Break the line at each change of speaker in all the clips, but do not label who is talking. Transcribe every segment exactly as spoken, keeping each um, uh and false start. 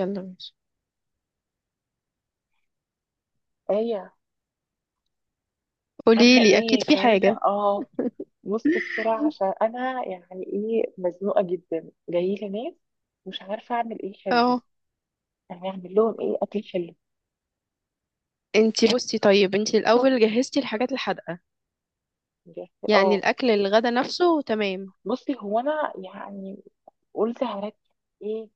يلا ماشي.
ايه.
قولي
عاملة
لي، اكيد
ايه؟
في
كويسة
حاجه.
اه. بص بسرعة عشان انا يعني ايه مزنوقة جدا، جايلي ناس. مش عارفة اعمل ايه حلو،
اه،
يعني اعمل لهم ايه اكل حلو
انتي بصي، طيب، انتي الاول جهزتي الحاجات الحادقه؟
بجد.
يعني
اه،
الاكل الغدا نفسه، تمام؟
بصي هو انا يعني قلت هركز، ايه،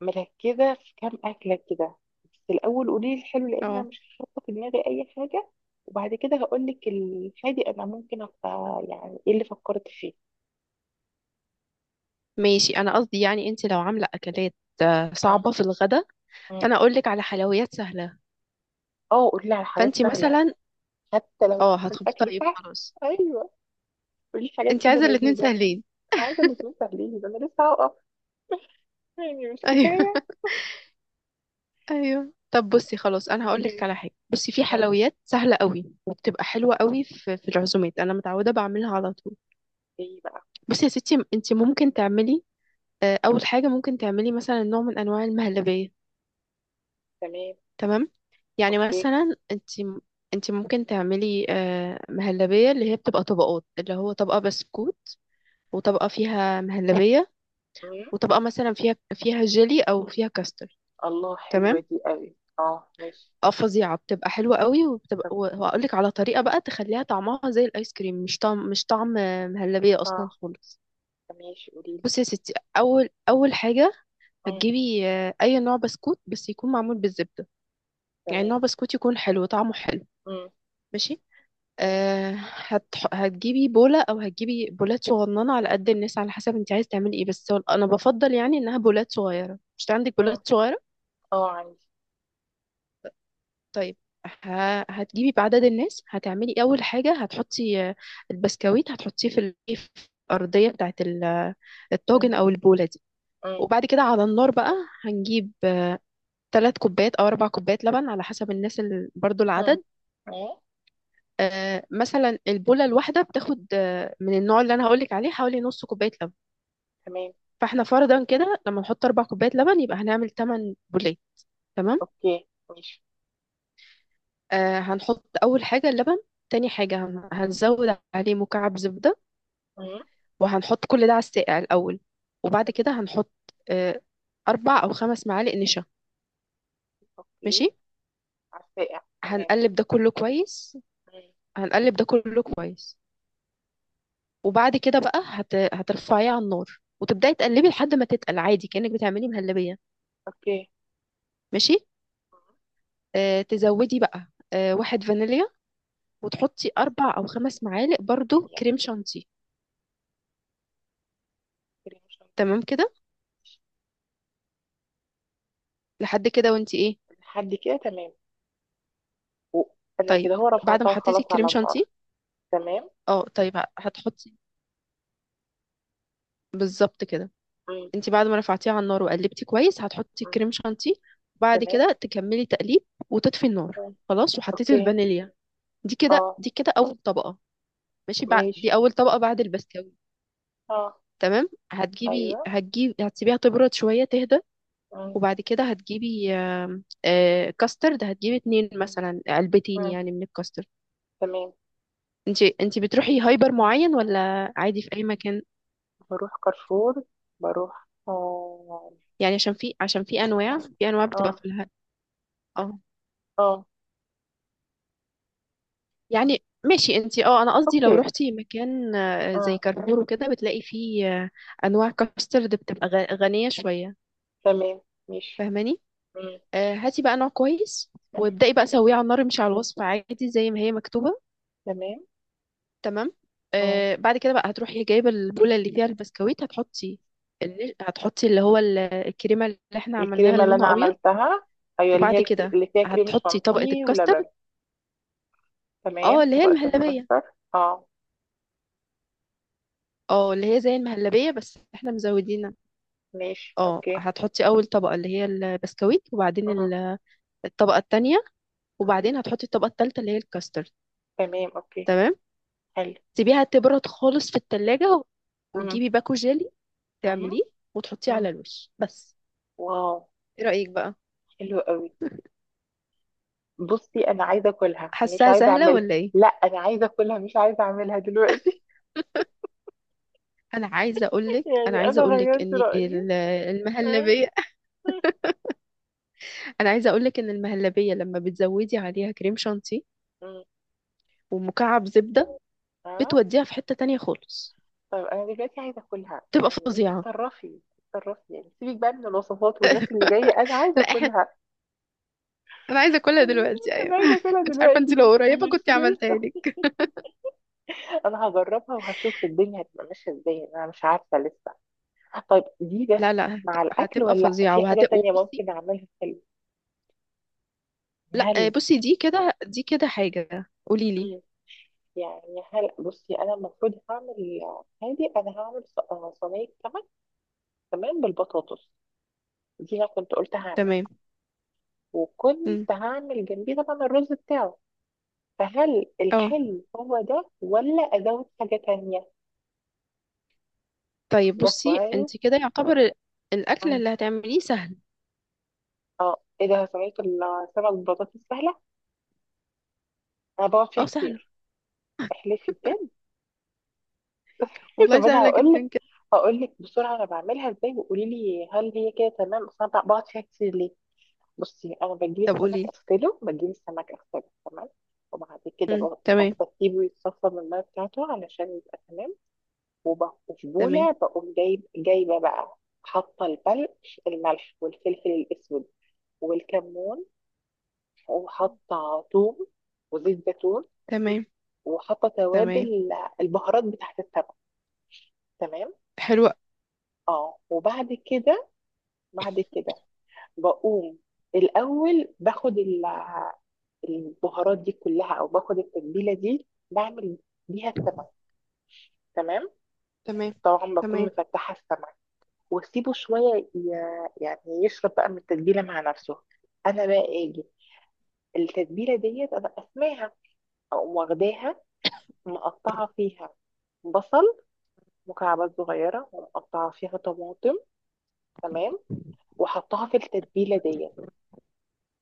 مركزة في كام اكلة كده. بس الاول قولي لي الحلو لان انا
اه،
مش حاطة في دماغي اي حاجة، وبعد كده هقول لك الحادي. انا ممكن ابقى يعني ايه اللي فكرت فيه.
ماشي. انا قصدي يعني، انتي لو عامله اكلات آه،
مم.
صعبه في الغدا،
مم.
فانا اقول لك على حلويات سهله.
اه، قولي لي على حاجات
فانتي
سهلة.
مثلا،
حتى لو
اه هتخبطي،
الأكل
طيب
سهل.
خلاص.
أيوه، قولي حاجات
انتي
كده
عايزه الاتنين
لذيذة.
سهلين؟
أنا عايزة مكرونة سهلين، ده أنا لسه هقف، يعني مش
ايوه.
كفاية.
ايوه، طب بصي خلاص، انا هقول لك
قولي.
على حاجه. بصي، في
آه.
حلويات سهله قوي وبتبقى حلوه قوي في في العزومات، انا متعوده بعملها على طول.
إيه بقى؟
بصي يا ستي، انت ممكن تعملي، آه، اول حاجه ممكن تعملي مثلا نوع من انواع المهلبيه.
تمام.
تمام. يعني
أوكي.
مثلا، انت انت ممكن تعملي آه، مهلبيه اللي هي بتبقى طبقات، اللي هو طبقه بسكوت وطبقه فيها مهلبيه
مم.
وطبقه مثلا فيها فيها جيلي او فيها كاستر.
الله
تمام.
حلوة دي قوي، أه ماشي.
اه، فظيعه، بتبقى حلوه قوي، وبتبقى
طب
وهقول لك على طريقه بقى تخليها طعمها زي الايس كريم، مش طعم مش طعم آه، مهلبيه اصلا
أه،
خالص.
ماشي قوليلي.
بصي يا ستي، اول اول حاجه
مم.
هتجيبي آه، اي نوع بسكوت بس يكون معمول بالزبده، يعني ان
تمام.
هو بسكوت يكون حلو، طعمه حلو.
مم.
ماشي.
تمام.
أه هتح... هتجيبي بولة او هتجيبي بولات صغننة على قد الناس، على حسب انت عايز تعملي ايه. بس هو- انا بفضل يعني انها بولات صغيرة. مش عندك
مم.
بولات صغيرة؟
أه عندي.
طيب، ه... هتجيبي بعدد الناس. هتعملي اول حاجة، هتحطي آه، البسكويت، هتحطيه في ال- في الارضية بتاعت ال- آه،
مم.
الطاجن او البولة دي.
مم.
وبعد كده على النار بقى، هنجيب ثلاث كوبايات او اربع كوبايات لبن على حسب الناس، ال... برضو
مم.
العدد.
مم.
آه، مثلا البوله الواحده بتاخد آه، من النوع اللي انا هقولك عليه حوالي نص كوبايه لبن.
تمام.
فاحنا فرضا كده، لما نحط اربع كوبايات لبن يبقى هنعمل تمانية بوليه. تمام.
أوكي ماشي.
آه هنحط اول حاجه اللبن، تاني حاجه هن- هنزود عليه مكعب زبده،
مم.
وهنحط كل ده على الساقع الاول. وبعد
تمام.
كده هنحط آه اربع او خمس معالق نشا. ماشي.
أوكي. عالساقع، تمام.
هنقلب ده كله كويس
مم.
هنقلب ده كله كويس وبعد كده بقى هت... هترفعيه على النار وتبداي تقلبي لحد ما تتقل، عادي كأنك بتعملي مهلبية.
أوكي.
ماشي. آه تزودي بقى آه واحد فانيليا، وتحطي اربع او خمس معالق برضو
مم.
كريم شانتيه.
كريم شانتيه
تمام
أوكي.
كده، لحد كده وانتي ايه.
لحد كده تمام. و- انا
طيب،
كده هو
بعد ما
رفعتها
حطيتي
خلاص
الكريم
على
شانتيه،
النار. تمام.
اه، طيب، ه- هتحطي بالظبط كده.
مم.
انتي بعد ما رفعتيه على النار وقلبتي كويس، هتحطي
مم.
الكريم شانتيه، وبعد
تمام.
كده تكملي تقليب وتطفي النار.
مم.
خلاص، وحطيتي
اوكي.
الفانيليا. دي كده
اه
دي كده اول طبقة، ماشي، بعد دي
ماشي.
اول طبقة بعد البسكويت.
اه.
تمام، هتجيبي
ايوه.
هتجيب هتسيبيها تبرد شوية، تهدى،
مم.
وبعد كده هتجيبي آم، آه، كاسترد. هتجيبي اتنين مثلا علبتين
مم.
يعني من الكاسترد.
تمام.
انت انت بتروحي هايبر معين ولا عادي في اي مكان؟
بروح كارفور. بروح اه.
يعني عشان في عشان في انواع، في انواع بتبقى
اه.
في الها. اه.
اه.
يعني، ماشي انت. اه، انا قصدي لو
اوكي.
روحتي مكان آه، زي
مم.
كارفور وكده، بتلاقي فيه آه، انواع كاسترد بتبقى غ- غنية شوية.
تمام. ماشي.
فاهماني؟
مم.
آه، هاتي بقى نوع كويس،
مم.
وابدأي بقى سويه على النار، مش على الوصفة، عادي زي ما هي مكتوبة.
تمام.
تمام.
مم.
آه بعد كده بقى، هتروحي جايبه البوله اللي فيها البسكويت، هتحطي، اللي هتحطي اللي هو ال- الكريمه اللي احنا عملناها،
الكريمة
اللي
اللي انا
لونها ابيض.
عملتها، ايوه، اللي هي
وبعد
الكر-
كده
اللي فيها كريم
هتحطي طبقه
شانتيه ولبن.
الكاسترد، اه،
تمام،
اللي هي
طبقة
المهلبيه،
الكاستر. اه.
اه، اللي هي زي المهلبيه بس احنا مزودينها.
ماشي
اه،
اوكي.
هتحطي اول طبقه اللي هي البسكويت، وبعدين ال- الطبقه التانية،
مم.
وبعدين هتحطي الطبقه التالتة اللي هي الكاسترد.
تمام اوكي.
تمام.
حلو.
تسيبيها تبرد خالص في التلاجة، و-
مم.
وتجيبي باكو جيلي،
مم.
تعمليه وتحطيه
مم.
على الوش بس.
واو.
ايه رأيك بقى؟
حلو قوي. بصي انا عايزه اكلها، انا مش
حاساها
عايزه
سهلة
اعملها.
ولا ايه؟
لا انا عايزه اكلها، مش عايزه اعملها دلوقتي.
انا عايزة اقولك انا
يعني
عايزة
انا
اقولك
غيرت
ان
رايي.
ال-
اه.
المهلبية. انا عايزة اقولك ان المهلبية لما بتزودي عليها كريم شانتيه
مم.
ومكعب زبدة،
آه.
بتوديها في حتة تانية خالص،
طيب انا دلوقتي عايزه اكلها،
تبقى
يعني انت
فظيعة.
اتصرفي اتصرفي يعني، سيبك بقى من الوصفات والناس اللي جايه، انا عايزه
لا احنا،
اكلها.
انا عايزة اكلها
مم.
دلوقتي، ايوه.
انا عايزه اكلها
مش عارفة،
دلوقتي،
انت لو
مش
قريبة
مش
كنت عملتها
لسه.
لك.
انا هجربها وهشوف الدنيا هتبقى ماشيه ازاي، انا مش عارفه لسه. طيب دي بس
لا لا، هت-
مع الأكل
هتبقى
ولا لأ؟
فظيعة،
في
وهت
حاجة تانية
وبصي،
ممكن أعملها في ال-
لا، آه،
هل،
بصي، دي كده دي كده حاجة، قولي لي.
مم، يعني هل بصي أنا المفروض هعمل هادي، أنا هعمل ص- آه، صينية سمك، تمام، بالبطاطس. دي أنا كنت قلت هعمل،
تمام.
وكنت
مم.
هعمل جنبيه طبعا الرز بتاعه. فهل
اه،
الحلو هو ده ولا أزود حاجة تانية؟
طيب،
ده
بصي،
كويس.
انت كده يعتبر ال- الاكل
مم.
اللي هتعمليه سهل.
اه، ايه ده، صينية السمك بالبطاطس سهلة. أنا بقعد فيها
اه، سهلة،
كتير. احلفي بجد.
والله
طب انا
سهلة
هقول لك،
جدا كده.
هقول لك بسرعه انا بعملها ازاي وقولي لي هل هي كده تمام، اصل انا بقعد فيها كتير ليه. بصي انا بجيب
طب
السمك
قولي.
اغسله، بجيب السمك اغسله تمام. وبعد كده
امم
ب-
تمام،
بسيبه يتصفى من الميه بتاعته علشان يبقى تمام. وب- وفي
تمام،
بوله بقوم جايب جايبه بقى، حاطه البلق، الملح والفلفل الاسود والكمون، وحاطه ثوم وزيت زيتون،
تمام،
وحاطه
تمام،
توابل، البهارات بتاعت السمك. تمام.
حلوة،
اه. وبعد كده، بعد كده بقوم الأول باخد ال- البهارات دي كلها، أو باخد التتبيلة دي بعمل بيها السمك. تمام.
تمام،
طبعا بكون
تمام،
مفتحة السمك. واسيبه شوية ي- يعني يشرب بقى من التتبيلة مع نفسه. أنا بقى أجي التتبيلة ديت أنا أسماها، أقوم واخداها، مقطعة فيها بصل مكعبات صغيرة ومقطعة فيها طماطم. تمام. وحطها في التتبيلة ديت.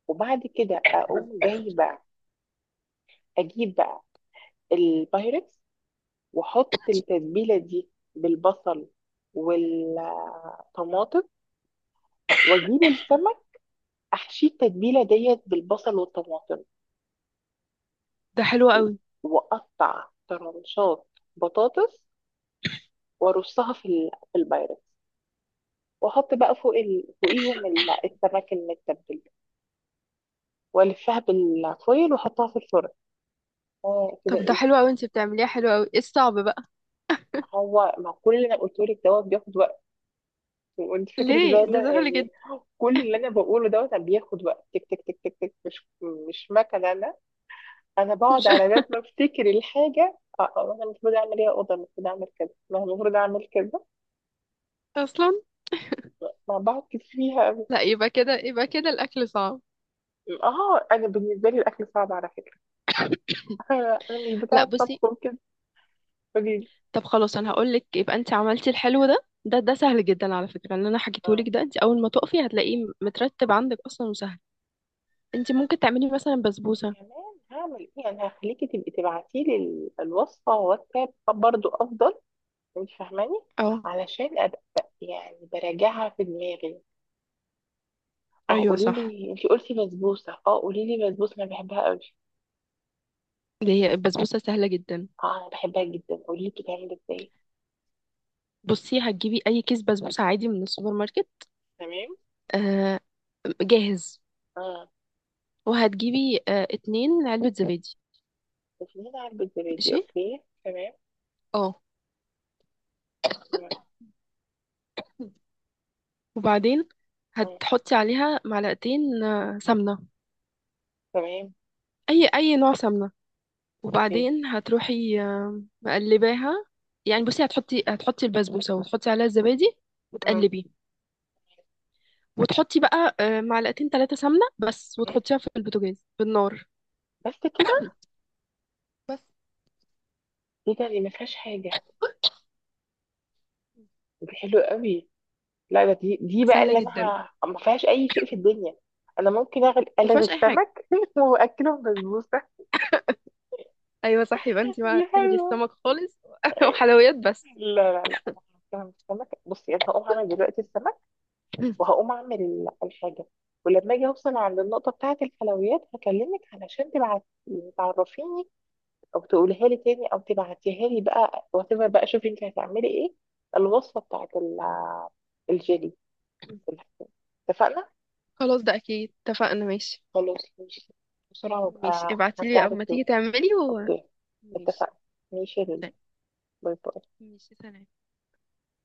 وبعد كده أقوم جايبة أجيب بقى البايركس واحط التتبيله دي بالبصل والطماطم، واجيب السمك احشيه التتبيله ديت بالبصل والطماطم.
ده حلو
و-
قوي.
واقطع طرنشات بطاطس، وارصها في ال- في البايركس، واحط بقى فوق ال... فوقيهم ال- السمك المتبل، والفها بالفويل واحطها في الفرن. اه كده
طب ده
ايه.
حلو قوي، انت بتعمليها حلو قوي، ايه الصعب بقى؟
ما هو ما كل اللي انا قلته لك دوت بياخد وقت، وانت فاكرك زي
ليه؟ ده
لا-
سهل
يعني
جدا،
كل اللي انا بقوله دوت أنا بياخد وقت، تك تك تك تك تك، مش مش مكنه انا. انا بقعد
مش
على بال ما افتكر الحاجه اه، آه، انا المفروض اعمل ايه، اوضه المفروض اعمل كذا، أنا المفروض اعمل كذا.
اصلا.
ما بقعد كتير فيها أوي.
لا، يبقى كده يبقى كده الاكل صعب.
اه انا بالنسبه لي الاكل صعب على فكره. انا أنا مش
لا،
بتاعه
بصي،
طبخ وكده. قولي لي.
طب خلاص، انا هقول لك، يبقى انت عملتي الحلو ده، ده ده سهل جدا. على فكرة، اللي انا حكيته
اه.
لك ده، انت اول ما تقفي هتلاقيه مترتب عندك اصلا وسهل. انت ممكن تعملي مثلا بسبوسة.
كمان هعمل ايه؟ انا هخليكي تبقي تبعتي لي الوصفه واتساب برضو افضل، انت فاهماني،
اه،
علشان ابقى يعني براجعها في دماغي. اه
ايوه،
قولي
صح،
لي، انت قلتي بسبوسه، اه قولي لي بسبوسه انا بحبها قوي.
اللي هي البسبوسة سهلة جدا.
اه انا بحبها جدا، قولي لي بتتعمل ازاي.
بصي، هتجيبي اي كيس بسبوسه عادي من السوبر ماركت،
تمام.
آه جاهز،
اه.
وهتجيبي آه اتنين علبه زبادي.
بتعمل علبه زبادي،
ماشي.
اوكي تمام.
اه.
تمام.
وبعدين
آه.
هتحطي عليها معلقتين آه سمنه،
تمام.
اي اي نوع سمنه.
اوكي.
وبعدين هتروحي آه مقلباها، يعني
مم.
بصي، هتحطي هتحطي البسبوسه وتحطي عليها الزبادي،
مم.
وتقلبي، وتحطي بقى آه معلقتين ثلاثه سمنه بس،
مم.
وتحطيها في البوتاجاز بالنار.
بس كده؟
بس،
ايه ده، دي ما فيهاش حاجه، دي حلوه قوي. لا ده دي دي بقى
سهله
اللي انا
جدا،
ه- ما فيهاش اي شيء في الدنيا. انا ممكن اغل
ما
الغي
فيهاش اي حاجه.
السمك واكله بسبوسه.
ايوه صح، يبقى انت
دي
بقى الغي
حلوه.
السمك خالص وحلويات بس.
لا لا لا انا هعمل السمك. بصي انا هقوم اعمل دلوقتي السمك، وهقوم اعمل الحاجه. ولما اجي اوصل عند النقطه بتاعه الحلويات هكلمك علشان تبعت تعرفيني، او تقولها لي تاني او تبعتيها لي بقى، وتبقى بقى شوفي انت هتعملي ايه الوصفه بتاعه ال- الجيلي. اتفقنا.
خلاص ده اكيد، اتفقنا، ماشي.
خلاص ماشي، بسرعه
ماشي،
وابقى
ابعتيلي
هرجع لك
اما
تاني.
تيجي تعملي و
اوكي
ماشي.
اتفقنا. ماشي يا لولو.
طيب.
باي باي.
ماشي، سلام.